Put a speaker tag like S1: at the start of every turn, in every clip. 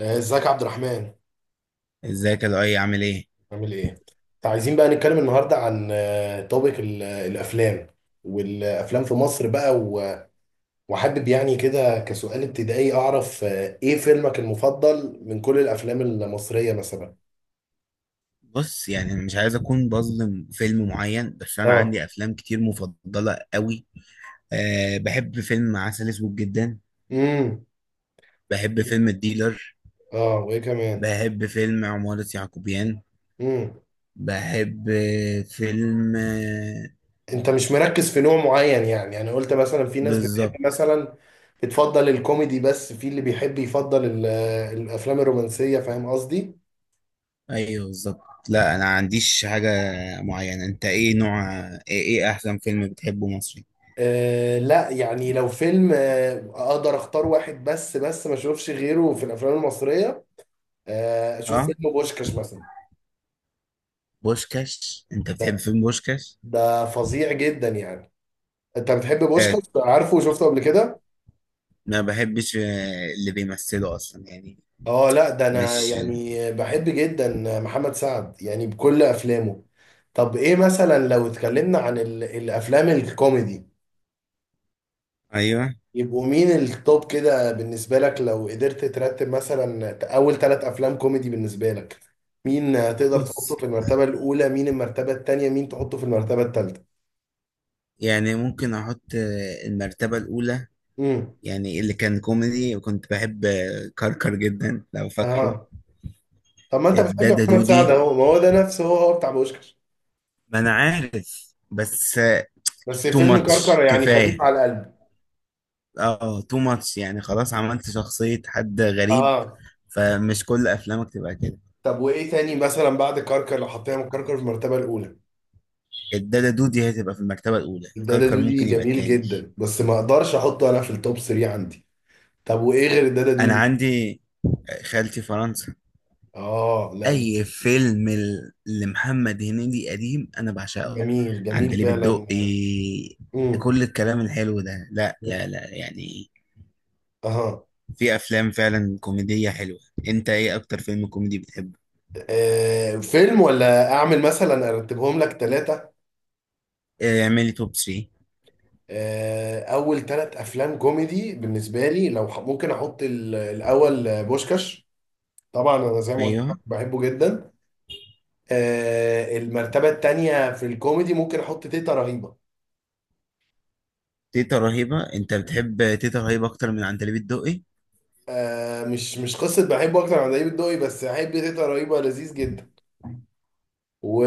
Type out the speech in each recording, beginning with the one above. S1: ازيك يا عبد الرحمن؟
S2: ازيك يا لؤي عامل ايه؟
S1: عامل ايه؟ انت عايزين بقى نتكلم النهارده عن توبيك الافلام والافلام في مصر بقى وحابب يعني كده كسؤال ابتدائي اعرف ايه فيلمك المفضل من كل الافلام المصريه مثلا.
S2: بص يعني أنا مش عايز اكون بظلم فيلم معين، بس انا
S1: اه.
S2: عندي افلام كتير مفضله قوي. أه، بحب فيلم عسل اسود جدا.
S1: امم.
S2: بحب فيلم الديلر.
S1: اه وايه كمان؟
S2: بحب فيلم عمارة يعقوبيان.
S1: امم.
S2: بحب فيلم.
S1: انت مش مركز في نوع معين؟ يعني انا قلت مثلا في ناس بتحب
S2: بالظبط.
S1: مثلا بتفضل الكوميدي، بس في اللي بيحب يفضل الافلام الرومانسيه. فاهم قصدي؟
S2: ايوه بالظبط. لا انا عنديش حاجه معينه. انت ايه نوع ايه, ايه احسن فيلم بتحبه مصري؟
S1: لا يعني، لو فيلم اقدر اختار واحد بس ما اشوفش غيره في الافلام المصريه، اشوف
S2: اه.
S1: فيلم بوشكاش مثلا.
S2: بوشكاش، انت بتحب
S1: ده
S2: فيلم بوشكاش؟
S1: ده فظيع جدا يعني. انت بتحب بوشكاش؟ عارفه وشفته قبل كده؟
S2: ما بحبش اللي بيمثله اصلا يعني.
S1: اه، لا ده انا
S2: مش.
S1: يعني بحب جدا محمد سعد يعني بكل افلامه. طب ايه مثلا لو اتكلمنا عن الافلام الكوميدي؟
S2: ايوه.
S1: يبقوا مين التوب كده بالنسبة لك؟ لو قدرت ترتب مثلا أول ثلاث أفلام كوميدي بالنسبة لك، مين تقدر تحطه
S2: بص
S1: في المرتبة الأولى؟ مين المرتبة التانية؟ مين تحطه في المرتبة التالتة؟
S2: يعني ممكن احط المرتبة الاولى.
S1: امم.
S2: يعني اللي كان كوميدي وكنت بحب كركر جدا لو فاكره.
S1: اه. طب ما أنت بتحب
S2: الدادا
S1: محمد سعد
S2: دودي.
S1: أهو، ما هو ده نفسه، هو هو بتاع بوشكش.
S2: ما انا عارف بس.
S1: بس
S2: تو
S1: فيلم كركر
S2: ماتش
S1: يعني خفيف
S2: كفاية.
S1: على القلب.
S2: اه، تو ماتش يعني خلاص عملت شخصية حد غريب.
S1: اه.
S2: فمش كل افلامك تبقى كده.
S1: طب وإيه تاني مثلا بعد كركر، لو حطينا من كركر في المرتبة الأولى؟
S2: الدادا دودي هتبقى في المرتبة الاولى،
S1: الدادا
S2: كركر
S1: دودي
S2: ممكن يبقى
S1: جميل
S2: التاني.
S1: جدا، بس ما أقدرش أحطه أنا في التوب 3 عندي. طب وإيه غير الدادا
S2: انا
S1: دودي؟
S2: عندي خالتي فرنسا.
S1: آه، لا.
S2: اي فيلم لمحمد هنيدي قديم انا بعشقه.
S1: جميل جميل
S2: عندليب
S1: فعلا.
S2: الدقي.
S1: امم.
S2: كل الكلام الحلو ده، لا لا لا يعني.
S1: اها.
S2: في افلام فعلا كوميدية حلوة. انت ايه اكتر فيلم كوميدي بتحبه؟
S1: فيلم ولا اعمل مثلا ارتبهم لك ثلاثة؟
S2: إيه، اعملي توب 3.
S1: اول ثلاث افلام كوميدي بالنسبة لي، لو ممكن احط الاول بوشكاش. طبعا انا زي ما قلت لك
S2: ايوه.
S1: بحبه جدا. المرتبة الثانية في الكوميدي ممكن احط تيتا رهيبة.
S2: تيتا رهيبة. انت بتحب تيتا رهيبة اكتر من عندليب الدقي؟
S1: مش قصة بحبه اكتر عن دايب الدقي، بس احب تيتا رهيبة لذيذ جدا.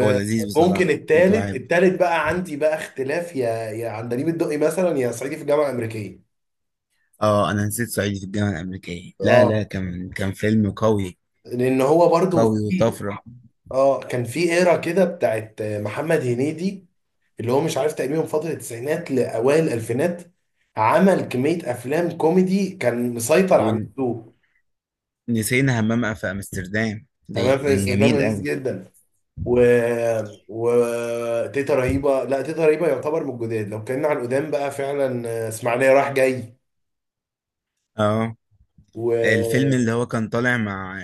S2: هو لذيذ بصراحة، كنت
S1: التالت
S2: بحب.
S1: التالت بقى عندي بقى اختلاف، يا عندليب الدقي مثلا، يا صعيدي في الجامعه الامريكيه.
S2: اه، انا نسيت صعيدي في الجامعة الامريكية. لا لا
S1: اه
S2: كان فيلم قوي.
S1: لان هو برضو
S2: قوي
S1: في.
S2: وطفرة.
S1: اه كان في ايرا كده بتاعت محمد هنيدي، اللي هو مش عارف، تقريبا من فتره التسعينات لاوائل الالفينات، عمل كميه افلام كوميدي، كان مسيطر
S2: و...
S1: على السوق.
S2: نسينا همام في امستردام، دي
S1: تمام. في
S2: كان
S1: استخدام
S2: جميل
S1: لذيذ
S2: قوي.
S1: جدا. و و تيتا رهيبه، لا تيتا رهيبه يعتبر من الجداد. لو اتكلمنا عن القدام بقى، فعلا اسماعيليه رايح جاي.
S2: اه. الفيلم
S1: و.
S2: اللي هو كان طالع مع،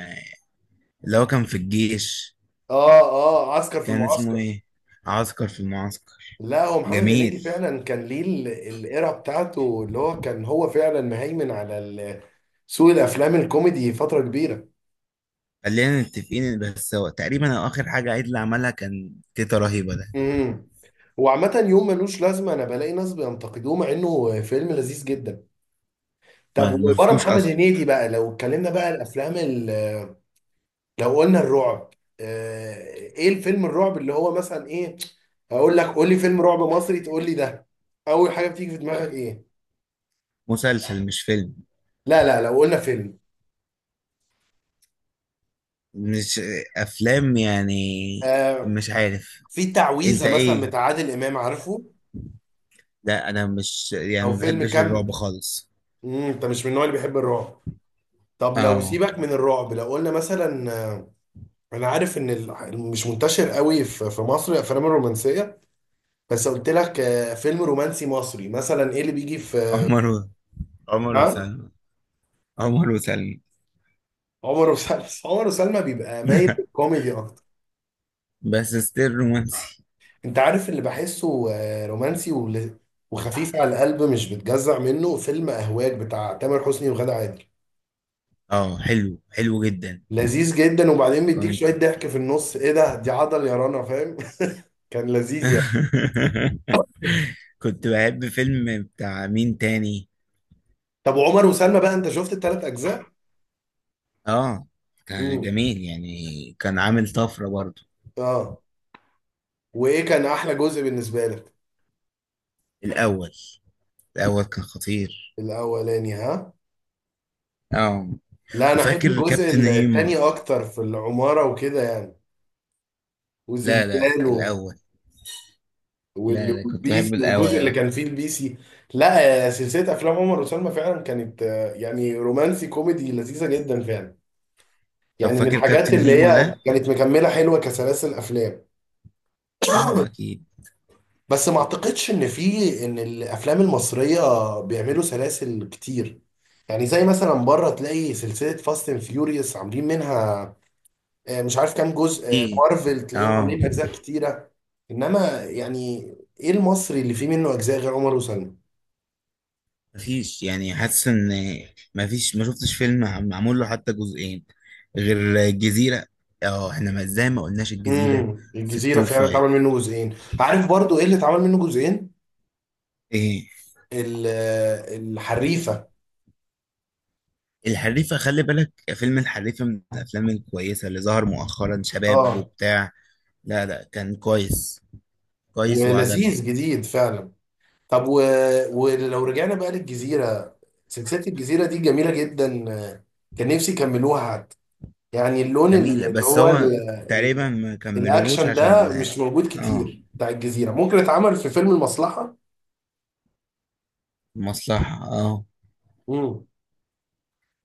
S2: اللي هو كان في الجيش،
S1: اه. اه. عسكر في
S2: كان اسمه
S1: المعسكر.
S2: ايه؟ عسكر في المعسكر.
S1: لا، هو محمد هنيدي
S2: جميل.
S1: فعلا كان ليه الايرا بتاعته، اللي هو كان هو فعلا مهيمن على سوق الافلام الكوميدي فتره كبيره.
S2: خلينا متفقين، بس هو تقريبا هو اخر حاجه عادل عملها كان تيتا رهيبه ده.
S1: امم. وعامة يوم ملوش لازمة، أنا بلاقي ناس بينتقدوه مع إنه فيلم لذيذ جدا.
S2: ما
S1: طب
S2: ما
S1: وبره
S2: شفتوش
S1: محمد
S2: اصلا.
S1: هنيدي بقى، لو اتكلمنا بقى الأفلام لو قلنا الرعب. إيه الفيلم الرعب اللي هو مثلا إيه؟ أقول لك قول لي فيلم رعب مصري تقول لي ده. أول حاجة بتيجي في دماغك إيه؟
S2: مسلسل مش فيلم.
S1: لا، لا. لو قلنا فيلم
S2: مش. افلام يعني.
S1: آه،
S2: مش عارف.
S1: في
S2: انت
S1: تعويذه مثلا
S2: ايه.
S1: بتاع عادل امام، عارفه؟
S2: لا انا مش يعني
S1: او
S2: ما
S1: فيلم
S2: بحبش الرعب
S1: كامب.
S2: خالص.
S1: انت مش من النوع اللي بيحب الرعب؟ طب لو
S2: اه.
S1: سيبك من الرعب، لو قلنا مثلا انا عارف ان مش منتشر قوي في مصر الافلام الرومانسيه. بس قلت لك فيلم رومانسي مصري مثلا، ايه اللي بيجي في؟
S2: عمر و- عمر
S1: نعم؟
S2: وسلمى. عمر وسلمى
S1: عمر وسلمى. عمر وسلمى بيبقى مايل للكوميدي اكتر.
S2: بس ستيل رومانسي.
S1: انت عارف اللي بحسه رومانسي وخفيف على القلب، مش بتجزع منه، فيلم اهواج بتاع تامر حسني وغادة عادل.
S2: اه، حلو حلو جدا.
S1: لذيذ جدا، وبعدين بيديك
S2: كنت
S1: شويه ضحك في النص. ايه ده؟ دي عضل يا رنا، فاهم؟ كان لذيذ يعني.
S2: كنت بحب فيلم بتاع مين تاني؟
S1: طب وعمر وسلمى بقى، انت شفت الثلاث اجزاء؟
S2: اه. كان
S1: امم.
S2: جميل يعني. كان عامل طفرة برضو.
S1: اه. وايه كان احلى جزء بالنسبه لك؟
S2: الأول. الأول كان خطير.
S1: الاولاني. ها.
S2: اه.
S1: لا، انا احب
S2: وفاكر
S1: الجزء
S2: كابتن هيما.
S1: الثاني اكتر، في العماره وكده يعني،
S2: لا لا
S1: وزلزال
S2: الأول. لا لا كنت بحب
S1: والبيسي،
S2: الأول
S1: والجزء اللي
S2: أوي.
S1: كان فيه البيسي. لا. سلسله افلام عمر وسلمى فعلا كانت يعني رومانسي كوميدي لذيذه جدا فعلا.
S2: طب
S1: يعني من
S2: فاكر
S1: الحاجات
S2: كابتن
S1: اللي
S2: هيما
S1: هي
S2: ده؟
S1: كانت مكمله حلوه كسلاسل افلام.
S2: اه أكيد.
S1: بس ما اعتقدش ان الافلام المصريه بيعملوا سلاسل كتير. يعني زي مثلا بره تلاقي سلسله فاست اند فيوريوس عاملين منها مش عارف كام جزء.
S2: كتير.
S1: مارفل تلاقيهم
S2: اه.
S1: عاملين اجزاء كتيره. انما يعني، ايه المصري اللي فيه منه اجزاء غير عمر وسلمى؟
S2: مفيش يعني حاسس ان، مفيش ما شفتش فيلم معمول له حتى جزئين غير الجزيرة. اه احنا، ما ازاي ما قلناش الجزيرة؟
S1: امم.
S2: في
S1: الجزيره
S2: التوب
S1: فعلا اتعمل منه
S2: فايف.
S1: جزئين. عارف برضو ايه اللي اتعمل منه جزئين؟
S2: ايه.
S1: الحريفه.
S2: الحريفة. خلي بالك، فيلم الحريفة من الافلام الكويسة اللي ظهر مؤخرا، شباب
S1: اه.
S2: وبتاع. لا لا كان كويس. كويس وعجبني.
S1: ولذيذ جديد فعلا. طب ولو رجعنا بقى للجزيرة، سلسلة الجزيرة دي جميلة جدا. آه، كان نفسي يكملوها حتى. يعني اللون
S2: جميل
S1: اللي
S2: بس
S1: هو
S2: هو
S1: ال...
S2: تقريبا ما كملوهوش
S1: الأكشن
S2: عشان.
S1: ده مش موجود
S2: اه،
S1: كتير بتاع الجزيرة، ممكن اتعمل في فيلم المصلحة.
S2: مصلحة. اه.
S1: مم.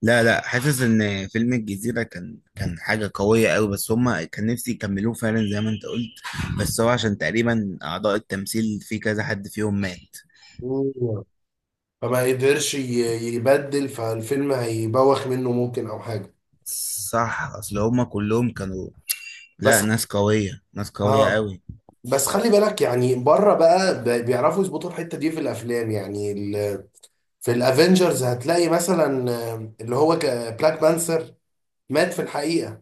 S2: لا لا حاسس ان فيلم الجزيرة كان حاجة قوية قوي، بس هما كان نفسي يكملوه فعلا زي ما انت قلت. بس هو عشان تقريبا اعضاء التمثيل في كذا حد فيهم مات.
S1: مم. فما قدرش يبدل، فالفيلم هيبوخ منه ممكن أو حاجة.
S2: صح، اصل هما كلهم كانوا. لا،
S1: بس.
S2: ناس قوية، ناس قوية
S1: ها.
S2: قوي.
S1: بس خلي بالك، يعني بره بقى بيعرفوا يظبطوا الحتة دي في الأفلام يعني. في الافنجرز هتلاقي مثلا اللي هو بلاك بانثر مات في الحقيقة.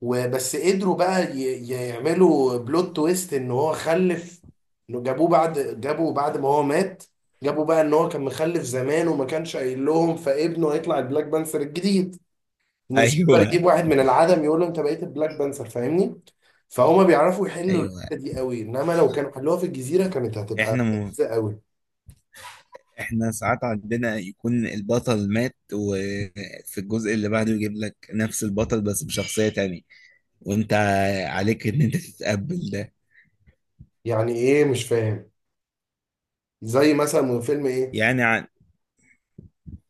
S1: وبس قدروا بقى يعملوا بلوت تويست ان هو خلف. انه جابوه بعد ما هو مات. جابوا بقى ان هو كان مخلف زمان وما كانش قايل لهم، فابنه هيطلع البلاك بانثر الجديد. انه مش هيقدر
S2: ايوه.
S1: يجيب واحد من العدم يقول له انت بقيت البلاك بانثر، فاهمني؟ فهما بيعرفوا يحلوا
S2: ايوه.
S1: الحتة دي قوي، انما لو كانوا حلوها في الجزيرة كانت هتبقى
S2: احنا م...
S1: لذيذة قوي.
S2: احنا ساعات عندنا يكون البطل مات، وفي الجزء اللي بعده يجيب لك نفس البطل بس بشخصية تانية، وانت عليك ان انت تتقبل ده.
S1: يعني ايه، مش فاهم. زي مثلا من فيلم ايه؟
S2: يعني.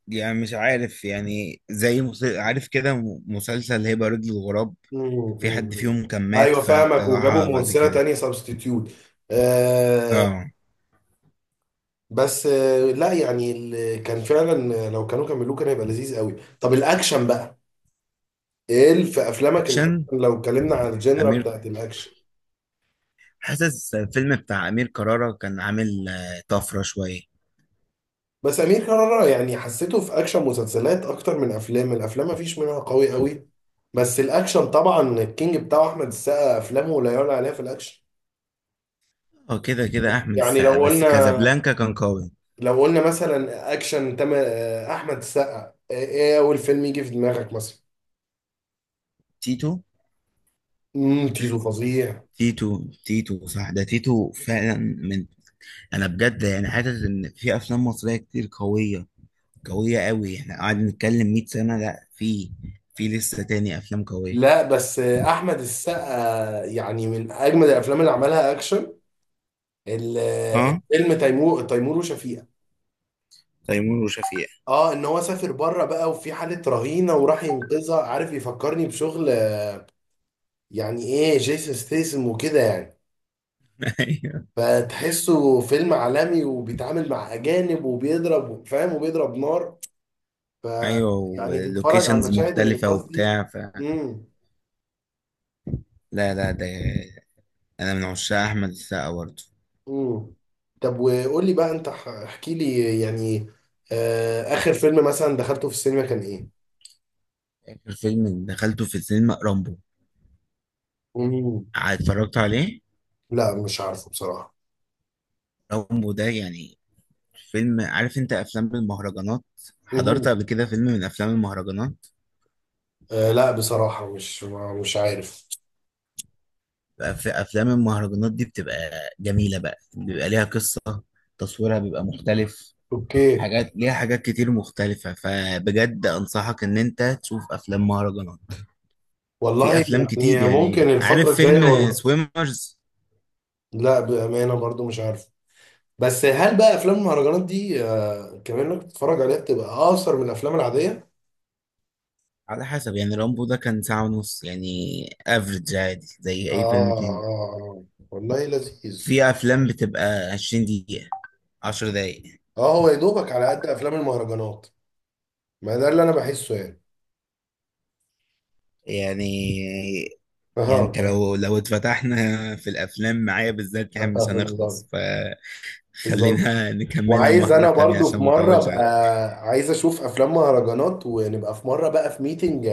S2: يعني مش عارف، يعني زي عارف كده مسلسل هبة رجل الغراب.
S1: مم،
S2: في حد
S1: مم.
S2: فيهم كان مات
S1: ايوه فاهمك، وجابوا
S2: فطلعها بعد
S1: ممثله
S2: كده.
S1: تانية سبستيتيوت. آه.
S2: اه.
S1: بس لا يعني كان فعلا لو كانوا كملوه كان هيبقى لذيذ قوي. طب الاكشن بقى، ايه في افلامك الاكشن
S2: اكشن.
S1: لو اتكلمنا عن الجنرا
S2: امير.
S1: بتاعت الاكشن؟
S2: حاسس الفيلم بتاع امير كرارة كان عامل طفرة شوية.
S1: بس امير كرارة يعني حسيته في اكشن مسلسلات اكتر من الافلام ما فيش منها قوي قوي. بس الاكشن طبعا الكينج بتاعه احمد السقا، افلامه لا يعلى عليها في الاكشن.
S2: اه كده كده احمد
S1: يعني
S2: السقا،
S1: لو
S2: بس
S1: قلنا
S2: كازابلانكا كان قوي.
S1: لو قلنا مثلا اكشن تم احمد السقا. ايه اول فيلم يجي في دماغك مثلا؟
S2: تيتو.
S1: امم. تيزو فظيع.
S2: تيتو تيتو صح، ده تيتو فعلا من. انا بجد يعني حاسس ان في افلام مصرية كتير قوية. قوية قوي. احنا قاعدين نتكلم 100 سنة، لا. في لسه تاني افلام قوية.
S1: لا، بس احمد السقا يعني من اجمد الافلام اللي عملها اكشن.
S2: اه.
S1: فيلم تيمور وشفيقة.
S2: تيمور وشفيق.
S1: اه، ان هو سافر بره بقى وفي حالة رهينة وراح ينقذها، عارف يفكرني بشغل يعني ايه جيسون ستيسم وكده يعني.
S2: ايوه.
S1: فتحسه فيلم عالمي وبيتعامل مع اجانب وبيضرب، فاهم، وبيضرب نار. ف.
S2: ايوه،
S1: يعني تتفرج على
S2: ولوكيشنز
S1: المشاهد
S2: مختلفة
S1: الانقاذ دي.
S2: وبتاع
S1: امم.
S2: لا لا ده. انا من عشاق احمد السقا برضه.
S1: امم. طب وقول لي بقى، انت احكي لي يعني اخر فيلم مثلا دخلته في السينما كان ايه؟
S2: اخر فيلم دخلته في السينما رامبو.
S1: امم.
S2: اتفرجت عليه.
S1: لا، مش عارفه بصراحة.
S2: رامبو ده يعني فيلم. عارف انت افلام المهرجانات؟
S1: امم.
S2: حضرت قبل كده فيلم من افلام المهرجانات.
S1: لا، بصراحة مش عارف.
S2: بقى في افلام المهرجانات دي، بتبقى جميلة بقى. بيبقى ليها قصة. تصويرها بيبقى مختلف.
S1: اوكي.
S2: حاجات ليها، حاجات كتير مختلفة، فبجد انصحك ان انت تشوف افلام مهرجانات. في
S1: والله.
S2: افلام كتير
S1: يعني ممكن
S2: يعني.
S1: الفترة
S2: عارف
S1: الجاية،
S2: فيلم
S1: والله.
S2: سويمرز؟
S1: لا، بأمانة برضو مش عارف. بس هل بقى افلام المهرجانات دي كمان انك تتفرج عليها بتبقى اقصر من الافلام العادية؟
S2: على حسب يعني. رامبو ده كان ساعة ونص يعني. افريج عادي زي
S1: اه.
S2: اي فيلم تاني.
S1: اه. آه. والله لذيذ.
S2: في افلام بتبقى 20 دقيقة، 10 دقايق.
S1: اه، هو يا دوبك على قد افلام المهرجانات. ما ده اللي انا بحسه يعني.
S2: يعني. يعني
S1: اه،
S2: انت
S1: معاك.
S2: لو اتفتحنا في الافلام معايا بالذات يعني مش
S1: بالظبط.
S2: هنخلص.
S1: بالظبط،
S2: فخلينا نكملها
S1: وعايز
S2: مرة
S1: انا
S2: تانية
S1: برضو في
S2: عشان ما
S1: مره
S2: اطولش
S1: ابقى.
S2: عليك.
S1: عايز اشوف افلام مهرجانات، ونبقى في مره بقى في ميتنج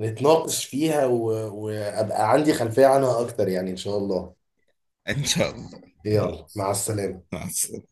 S1: نتناقش فيها وابقى عندي خلفيه عنها اكتر يعني، ان شاء الله.
S2: ان شاء الله.
S1: يلا، مع السلامه.
S2: مع السلامة.